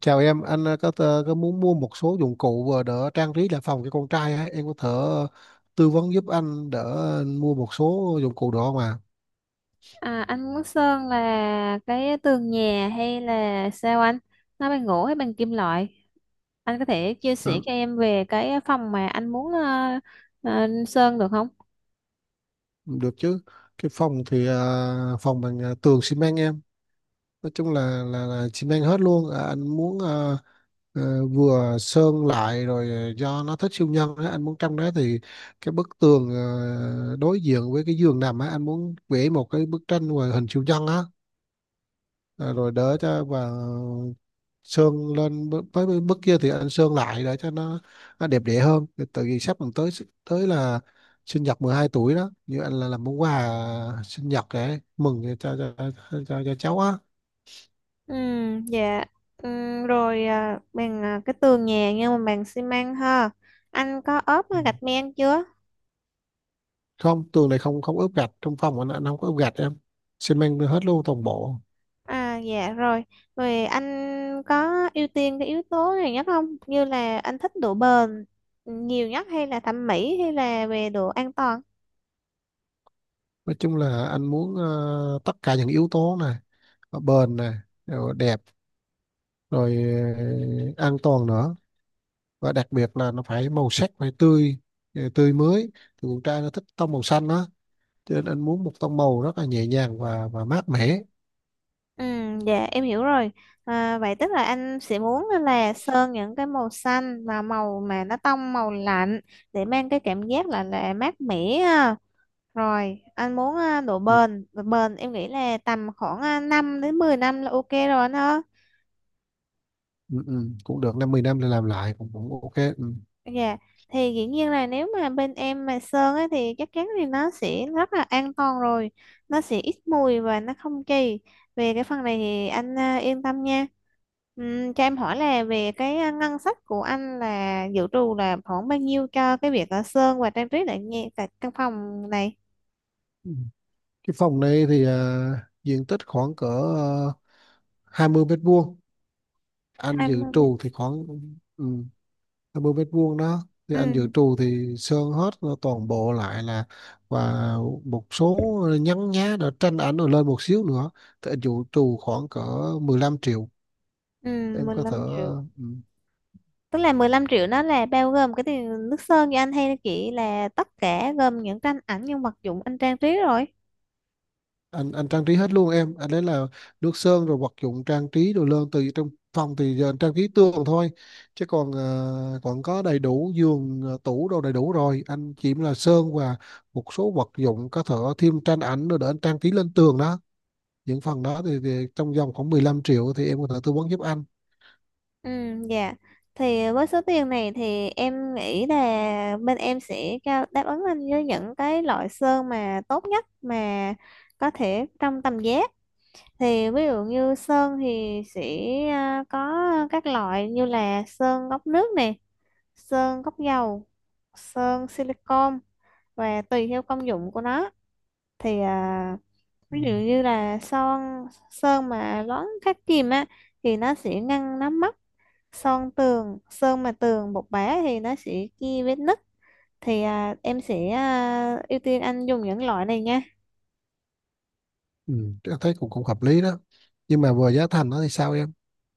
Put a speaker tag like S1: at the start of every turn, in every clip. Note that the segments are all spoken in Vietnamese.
S1: Chào em, anh có muốn mua một số dụng cụ đỡ trang trí lại phòng cho con trai á, em có thể tư vấn giúp anh đỡ mua một số dụng cụ đó mà.
S2: À, anh muốn sơn là cái tường nhà hay là sao anh? Nó bằng gỗ hay bằng kim loại? Anh có thể chia sẻ
S1: Đó,
S2: cho em về cái phòng mà anh muốn sơn được không?
S1: được chứ. Cái phòng thì phòng bằng tường xi măng em, nói chung là xi măng hết luôn. À, anh muốn vừa sơn lại rồi, do nó thích siêu nhân á, anh muốn trong đó thì cái bức tường đối diện với cái giường nằm á, anh muốn vẽ một cái bức tranh về hình siêu nhân á. À, rồi đỡ cho và xương lên với mức kia thì ăn xương lại để cho nó đẹp đẽ hơn tại vì sắp còn tới tới là sinh nhật 12 tuổi đó, như anh là làm món quà sinh nhật để mừng cho cháu á.
S2: Ừ, dạ. Ừ, rồi bằng cái tường nhà nhưng mà bằng xi măng ha. Anh có ốp
S1: Ừ.
S2: gạch men chưa?
S1: Không, tường này không, không ướp gạch trong phòng anh không có ướp gạch em, xi măng hết luôn toàn bộ.
S2: À, dạ rồi. Rồi anh có ưu tiên cái yếu tố này nhất không? Như là anh thích độ bền nhiều nhất hay là thẩm mỹ hay là về độ an toàn?
S1: Nói chung là anh muốn, tất cả những yếu tố này, bền này, rồi đẹp, rồi ờ, an toàn nữa, và đặc biệt là nó phải màu sắc phải tươi, tươi mới. Thì con trai nó thích tông màu xanh đó, cho nên anh muốn một tông màu rất là nhẹ nhàng và mát mẻ.
S2: Ừ, dạ em hiểu rồi. À, vậy tức là anh sẽ muốn là sơn những cái màu xanh và màu mà nó tông màu lạnh để mang cái cảm giác là mát mẻ ha. Rồi, anh muốn
S1: ừ,
S2: độ bền em nghĩ là tầm khoảng 5 đến 10 năm là ok rồi anh ha.
S1: ừ, ừ. Cũng được, năm 10 năm để làm lại cũng cũng ok ừ.
S2: Dạ, thì dĩ nhiên là nếu mà bên em mà sơn ấy, thì chắc chắn thì nó sẽ rất là an toàn rồi. Nó sẽ ít mùi và nó không kỳ. Về cái phần này thì anh yên tâm nha. Cho em hỏi là về cái ngân sách của anh là dự trù là khoảng bao nhiêu cho cái việc ở sơn và trang trí lại nghe tại căn phòng này?
S1: Ừ. Cái phòng này thì diện tích khoảng cỡ à, 20 mét vuông, anh dự
S2: 20 đến
S1: trù thì khoảng ừ, 50 mét vuông đó, thì anh
S2: ừ,
S1: dự trù thì sơn hết nó toàn bộ lại, là và một số nhăn nhá để tranh ảnh rồi lên một xíu nữa, thì anh dự trù khoảng cỡ 15 triệu.
S2: ừ,
S1: Em
S2: mười
S1: có thể
S2: lăm triệu.
S1: ừ,
S2: Tức là 15 triệu nó là bao gồm cái tiền nước sơn cho anh hay chỉ là tất cả gồm những tranh ảnh, những vật dụng anh trang trí rồi?
S1: anh trang trí hết luôn em, anh đấy là nước sơn rồi vật dụng trang trí đồ lên từ trong phòng. Thì giờ anh trang trí tường thôi, chứ còn còn có đầy đủ giường, tủ đồ đầy đủ rồi, anh chỉ là sơn và một số vật dụng, có thể thêm tranh ảnh rồi để anh trang trí lên tường đó. Những phần đó thì trong vòng khoảng 15 triệu thì em có thể tư vấn giúp anh.
S2: Ừ, dạ. Thì với số tiền này thì em nghĩ là bên em sẽ cao đáp ứng anh với những cái loại sơn mà tốt nhất mà có thể trong tầm giá. Thì ví dụ như sơn thì sẽ có các loại như là sơn gốc nước nè, sơn gốc dầu, sơn silicon và tùy theo công dụng của nó. Thì
S1: Ừ.
S2: ví dụ như là sơn mà loãng khắc kìm á thì nó sẽ ngăn nắm mốc, sơn tường sơn mà tường bột bã thì nó sẽ kia vết nứt. Thì em sẽ ưu tiên anh dùng những loại này nha.
S1: Ừ. Em thấy cũng cũng hợp lý đó, nhưng mà vừa giá thành đó thì sao em.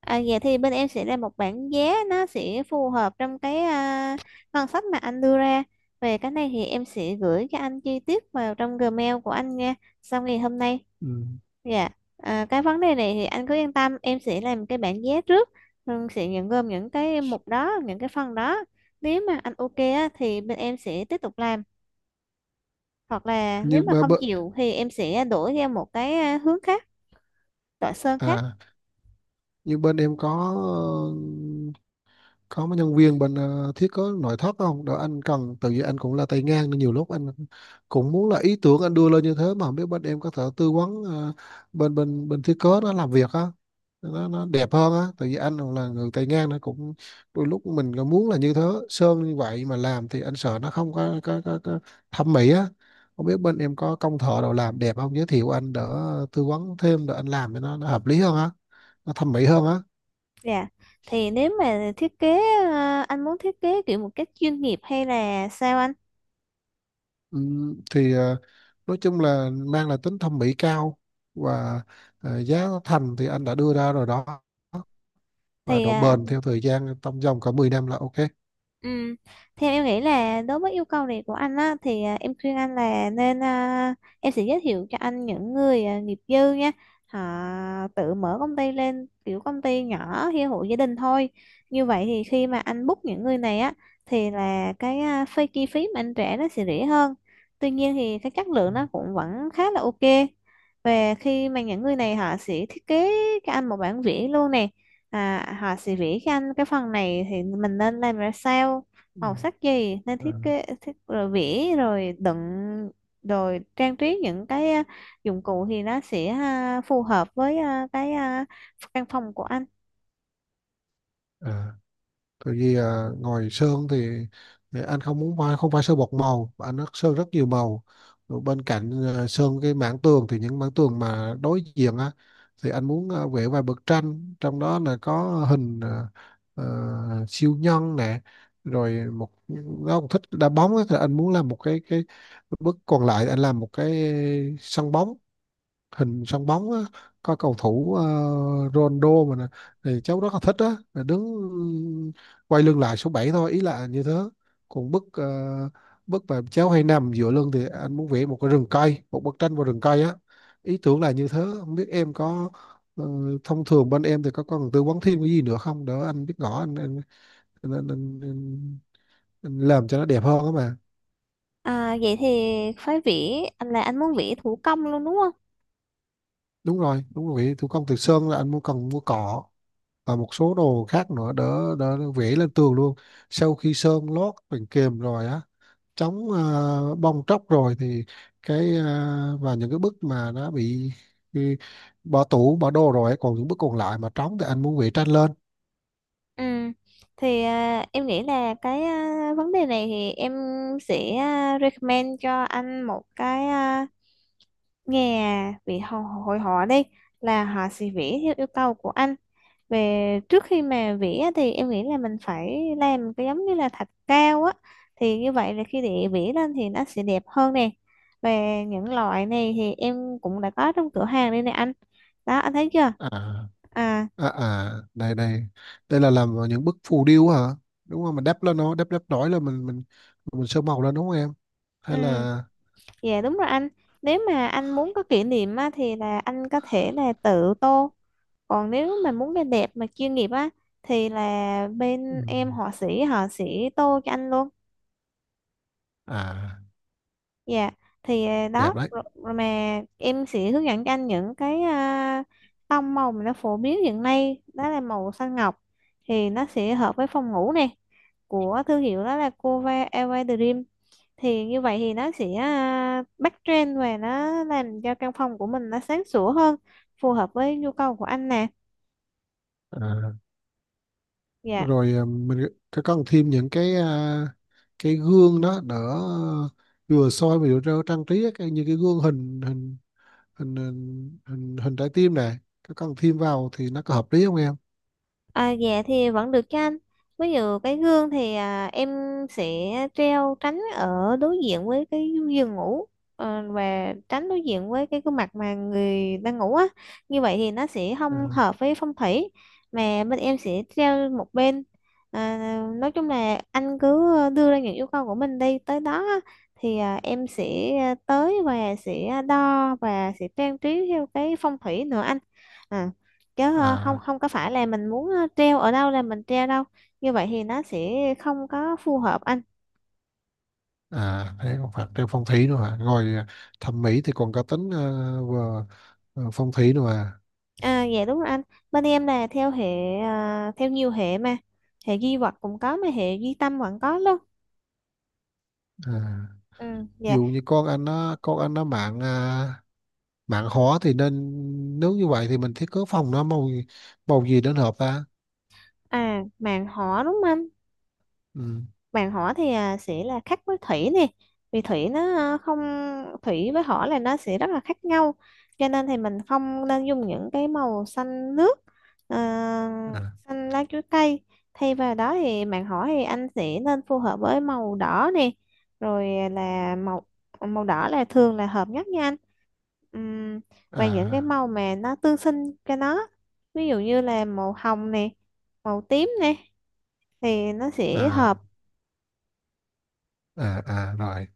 S2: Vậy thì bên em sẽ ra một bảng giá nó sẽ phù hợp trong cái ngân sách mà anh đưa ra. Về cái này thì em sẽ gửi cho anh chi tiết vào trong Gmail của anh nha, sau ngày hôm nay.
S1: Ừ.
S2: Dạ. Cái vấn đề này thì anh cứ yên tâm, em sẽ làm cái bảng giá trước rồi sẽ nhận gồm những cái mục đó, những cái phần đó. Nếu mà anh ok á, thì bên em sẽ tiếp tục làm, hoặc là nếu
S1: như
S2: mà
S1: bơ-
S2: không
S1: bơ-
S2: chịu thì em sẽ đổi ra một cái hướng khác, loại sơn khác.
S1: à, như bên em có mấy nhân viên bên thiết kế nội thất không đó anh cần, tại vì anh cũng là tay ngang nên nhiều lúc anh cũng muốn là ý tưởng anh đưa lên như thế, mà không biết bên em có thể tư vấn bên bên bên thiết kế nó làm việc á, nó đẹp hơn á, tại vì anh là người tay ngang nó cũng đôi lúc mình cũng muốn là như thế, sơn như vậy mà làm thì anh sợ nó không có thẩm mỹ á. Không biết bên em có công thợ nào làm đẹp không, giới thiệu anh đỡ tư vấn thêm để anh làm cho nó hợp lý hơn á, nó thẩm mỹ hơn á.
S2: Dạ, thì nếu mà thiết kế anh muốn thiết kế kiểu một cách chuyên nghiệp hay là sao anh?
S1: Thì nói chung là mang là tính thẩm mỹ cao, và giá thành thì anh đã đưa ra rồi đó, và
S2: Thì
S1: độ bền theo thời gian trong vòng cả 10 năm là ok.
S2: Ừ. Theo em nghĩ là đối với yêu cầu này của anh á, thì em khuyên anh là nên em sẽ giới thiệu cho anh những người nghiệp dư nha. Họ tự mở công ty lên, kiểu công ty nhỏ hay hộ gia đình thôi. Như vậy thì khi mà anh book những người này á, thì là cái chi phí mà anh trả nó sẽ rẻ hơn. Tuy nhiên thì cái chất
S1: Ừ.
S2: lượng nó cũng vẫn khá là ok. Về khi mà những người này họ sẽ thiết kế cho anh một bản vẽ luôn nè. À, hỏi CV các anh cái phần này thì mình nên làm ra sao,
S1: Ừ.
S2: màu sắc gì, nên
S1: Ờ.
S2: thiết kế thiết rồi vẽ rồi đựng, rồi trang trí những cái dụng cụ thì nó sẽ phù hợp với cái căn phòng của anh.
S1: Ờ. Tại vì à, ngồi sơn thì anh không muốn phải không phải sơn một màu, mà anh sơn rất nhiều màu. Rồi bên cạnh à, sơn cái mảng tường thì những mảng tường mà đối diện á, thì anh muốn à, vẽ vài bức tranh, trong đó là có hình à, siêu nhân nè, rồi một, nó cũng thích đá bóng á, thì anh muốn làm một cái bức còn lại anh làm một cái sân bóng, hình sân bóng á, có cầu thủ Ronaldo mà nè, thì cháu rất là thích á, là đứng quay lưng lại số 7 thôi, ý là như thế. Còn bức bức mà cháu hay nằm dựa lưng thì anh muốn vẽ một cái rừng cây, một bức tranh vào rừng cây á. Ý tưởng là như thế, không biết em có ờ, thông thường bên em thì có cần tư vấn thêm cái gì nữa không, để anh biết rõ anh, anh, anh, anh, anh làm cho nó đẹp hơn á mà.
S2: Vậy thì phải vẽ, anh là anh muốn vẽ thủ công luôn đúng không?
S1: Đúng rồi, đúng rồi, thủ công từ sơn là anh muốn cần mua cỏ và một số đồ khác nữa đỡ đỡ vẽ lên tường luôn, sau khi sơn lót bằng kềm rồi á, chống bong tróc rồi. Thì cái và những cái bức mà nó bị bỏ tủ bỏ đồ rồi ấy, còn những bức còn lại mà trống thì anh muốn vẽ tranh lên.
S2: Ừ. Thì em nghĩ là cái vấn đề này thì em sẽ recommend cho anh một cái nhà vị họ- hội họa đi, là họ sẽ vẽ theo yêu cầu của anh. Về trước khi mà vẽ thì em nghĩ là mình phải làm cái giống như là thạch cao á, thì như vậy là khi để vẽ lên thì nó sẽ đẹp hơn nè. Về những loại này thì em cũng đã có trong cửa hàng đây nè anh. Đó, anh thấy chưa?
S1: à
S2: À,
S1: à à đây đây, đây là làm những bức phù điêu hả, đúng không, mình đắp lên, nó đắp đắp nổi lên, mình sơn màu lên, đúng không em,
S2: ừ.
S1: hay là.
S2: Dạ, đúng rồi anh. Nếu mà anh muốn có kỷ niệm á, thì là anh có thể là tự tô. Còn nếu mà muốn cái đẹp mà chuyên nghiệp á, thì là
S1: Ừ.
S2: bên em họa sĩ họ sẽ tô cho anh luôn.
S1: À
S2: Dạ. Thì đó
S1: đẹp đấy.
S2: rồi, rồi mà em sẽ hướng dẫn cho anh những cái tông màu mà nó phổ biến hiện nay, đó là màu xanh ngọc thì nó sẽ hợp với phòng ngủ này, của thương hiệu đó là Cova Elva Dream. Thì như vậy thì nó sẽ backtrend và nó làm cho căn phòng của mình nó sáng sủa hơn, phù hợp với nhu cầu của anh nè.
S1: À
S2: Dạ.
S1: rồi, à, mình có cần thêm những cái à, cái gương đó đỡ vừa soi mà vừa cho trang trí á, như cái gương hình hình hình hình hình, hình trái tim này, có cần thêm vào thì nó có hợp lý không em.
S2: À, dạ thì vẫn được cho anh. Ví dụ cái gương thì em sẽ treo tránh ở đối diện với cái giường ngủ, và tránh đối diện với cái gương mặt mà người đang ngủ á. Như vậy thì nó sẽ không
S1: À.
S2: hợp với phong thủy, mà bên em sẽ treo một bên. À, nói chung là anh cứ đưa ra những yêu cầu của mình đi, tới đó á, thì em sẽ tới và sẽ đo và sẽ trang trí theo cái phong thủy nữa anh. À, chứ không
S1: À,
S2: không có phải là mình muốn treo ở đâu là mình treo đâu, như vậy thì nó sẽ không có phù hợp anh.
S1: à thế còn phải thêm phong thủy nữa hả, ngồi à, thẩm mỹ thì còn có tính à, vừa vừa phong thủy nữa à.
S2: À, dạ đúng rồi anh. Bên em là theo hệ theo nhiều hệ mà, hệ duy vật cũng có mà hệ duy tâm vẫn có luôn.
S1: À,
S2: Ừ, dạ.
S1: dù như con anh nó mạng à, mạng hóa thì nên, nếu như vậy thì mình thiết kế phòng nó màu, màu gì đến hợp ta.
S2: À, màn họ đúng không anh? Vàng hỏa thì sẽ là khác với thủy nè, vì thủy nó không, thủy với hỏa là nó sẽ rất là khác nhau, cho nên thì mình không nên dùng những cái màu xanh nước, à,
S1: Ừ.
S2: xanh lá chuối cây. Thay vào đó thì bạn hỏi thì anh sẽ nên phù hợp với màu đỏ nè, rồi là màu màu đỏ là thường là hợp nhất nha anh. Ừm, và những cái
S1: à
S2: màu mà nó tương sinh cho nó, ví dụ như là màu hồng nè, màu tím nè, thì nó sẽ
S1: à
S2: hợp.
S1: à, rồi,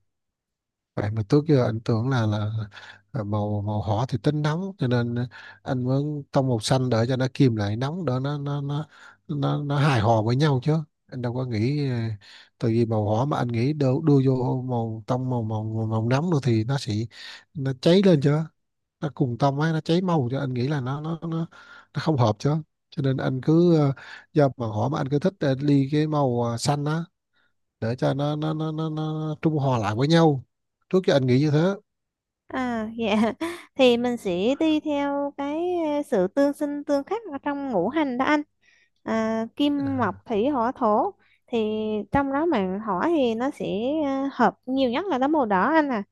S1: vậy mà trước giờ anh tưởng là là màu màu hỏa thì tính nóng, cho nên anh muốn tông màu xanh để cho nó kìm lại nóng đỡ, nó hài hòa với nhau chứ. Anh đâu có nghĩ ờ, tại vì màu hỏa mà anh nghĩ đưa vô màu tông màu nóng nữa thì nó sẽ nó cháy lên chứ, nó cùng tông ấy nó cháy màu, cho anh nghĩ là nó không hợp chứ. Cho nên anh cứ do màu hỏa mà anh cứ thích ly cái màu xanh á, để cho nó trung hòa lại với nhau. Trước giờ anh nghĩ như thế.
S2: À, dạ thì mình sẽ đi theo cái sự tương sinh tương khắc ở trong ngũ hành đó anh, kim
S1: À.
S2: mộc thủy hỏa thổ. Thì trong đó mà hỏa thì nó sẽ hợp nhiều nhất là đó màu đỏ anh à,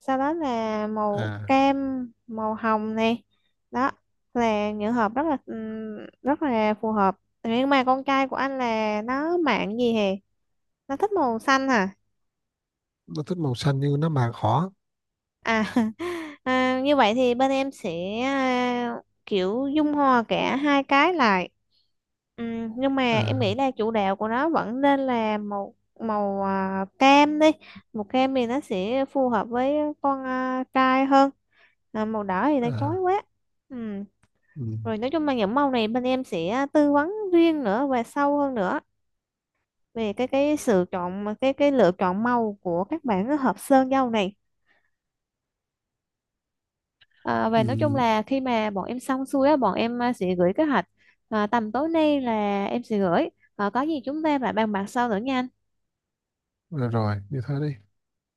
S2: sau đó là màu
S1: À.
S2: cam, màu hồng này. Đó là những hợp rất là phù hợp. Nhưng mà con trai của anh là nó mạng gì hè? Nó thích màu xanh hả?
S1: nó thích màu xanh nhưng nó mà khó
S2: À, như vậy thì bên em sẽ kiểu dung hòa cả hai cái lại. Nhưng mà em nghĩ
S1: à,
S2: là chủ đạo của nó vẫn nên là màu màu à, cam đi. Màu cam thì nó sẽ phù hợp với con trai hơn. À, màu đỏ thì nó chói
S1: à,
S2: quá. Ừm,
S1: ừ.
S2: Rồi nói chung là những màu này bên em sẽ tư vấn riêng nữa và sâu hơn nữa về cái sự chọn, cái lựa chọn màu của các bạn hợp sơn dâu này. À, và nói chung
S1: Ừ.
S2: là khi mà bọn em xong xuôi á, bọn em sẽ gửi kế hoạch tầm tối nay là em sẽ gửi. À, có gì chúng ta lại bàn bạc sau nữa nha anh.
S1: Rồi, như thế đi.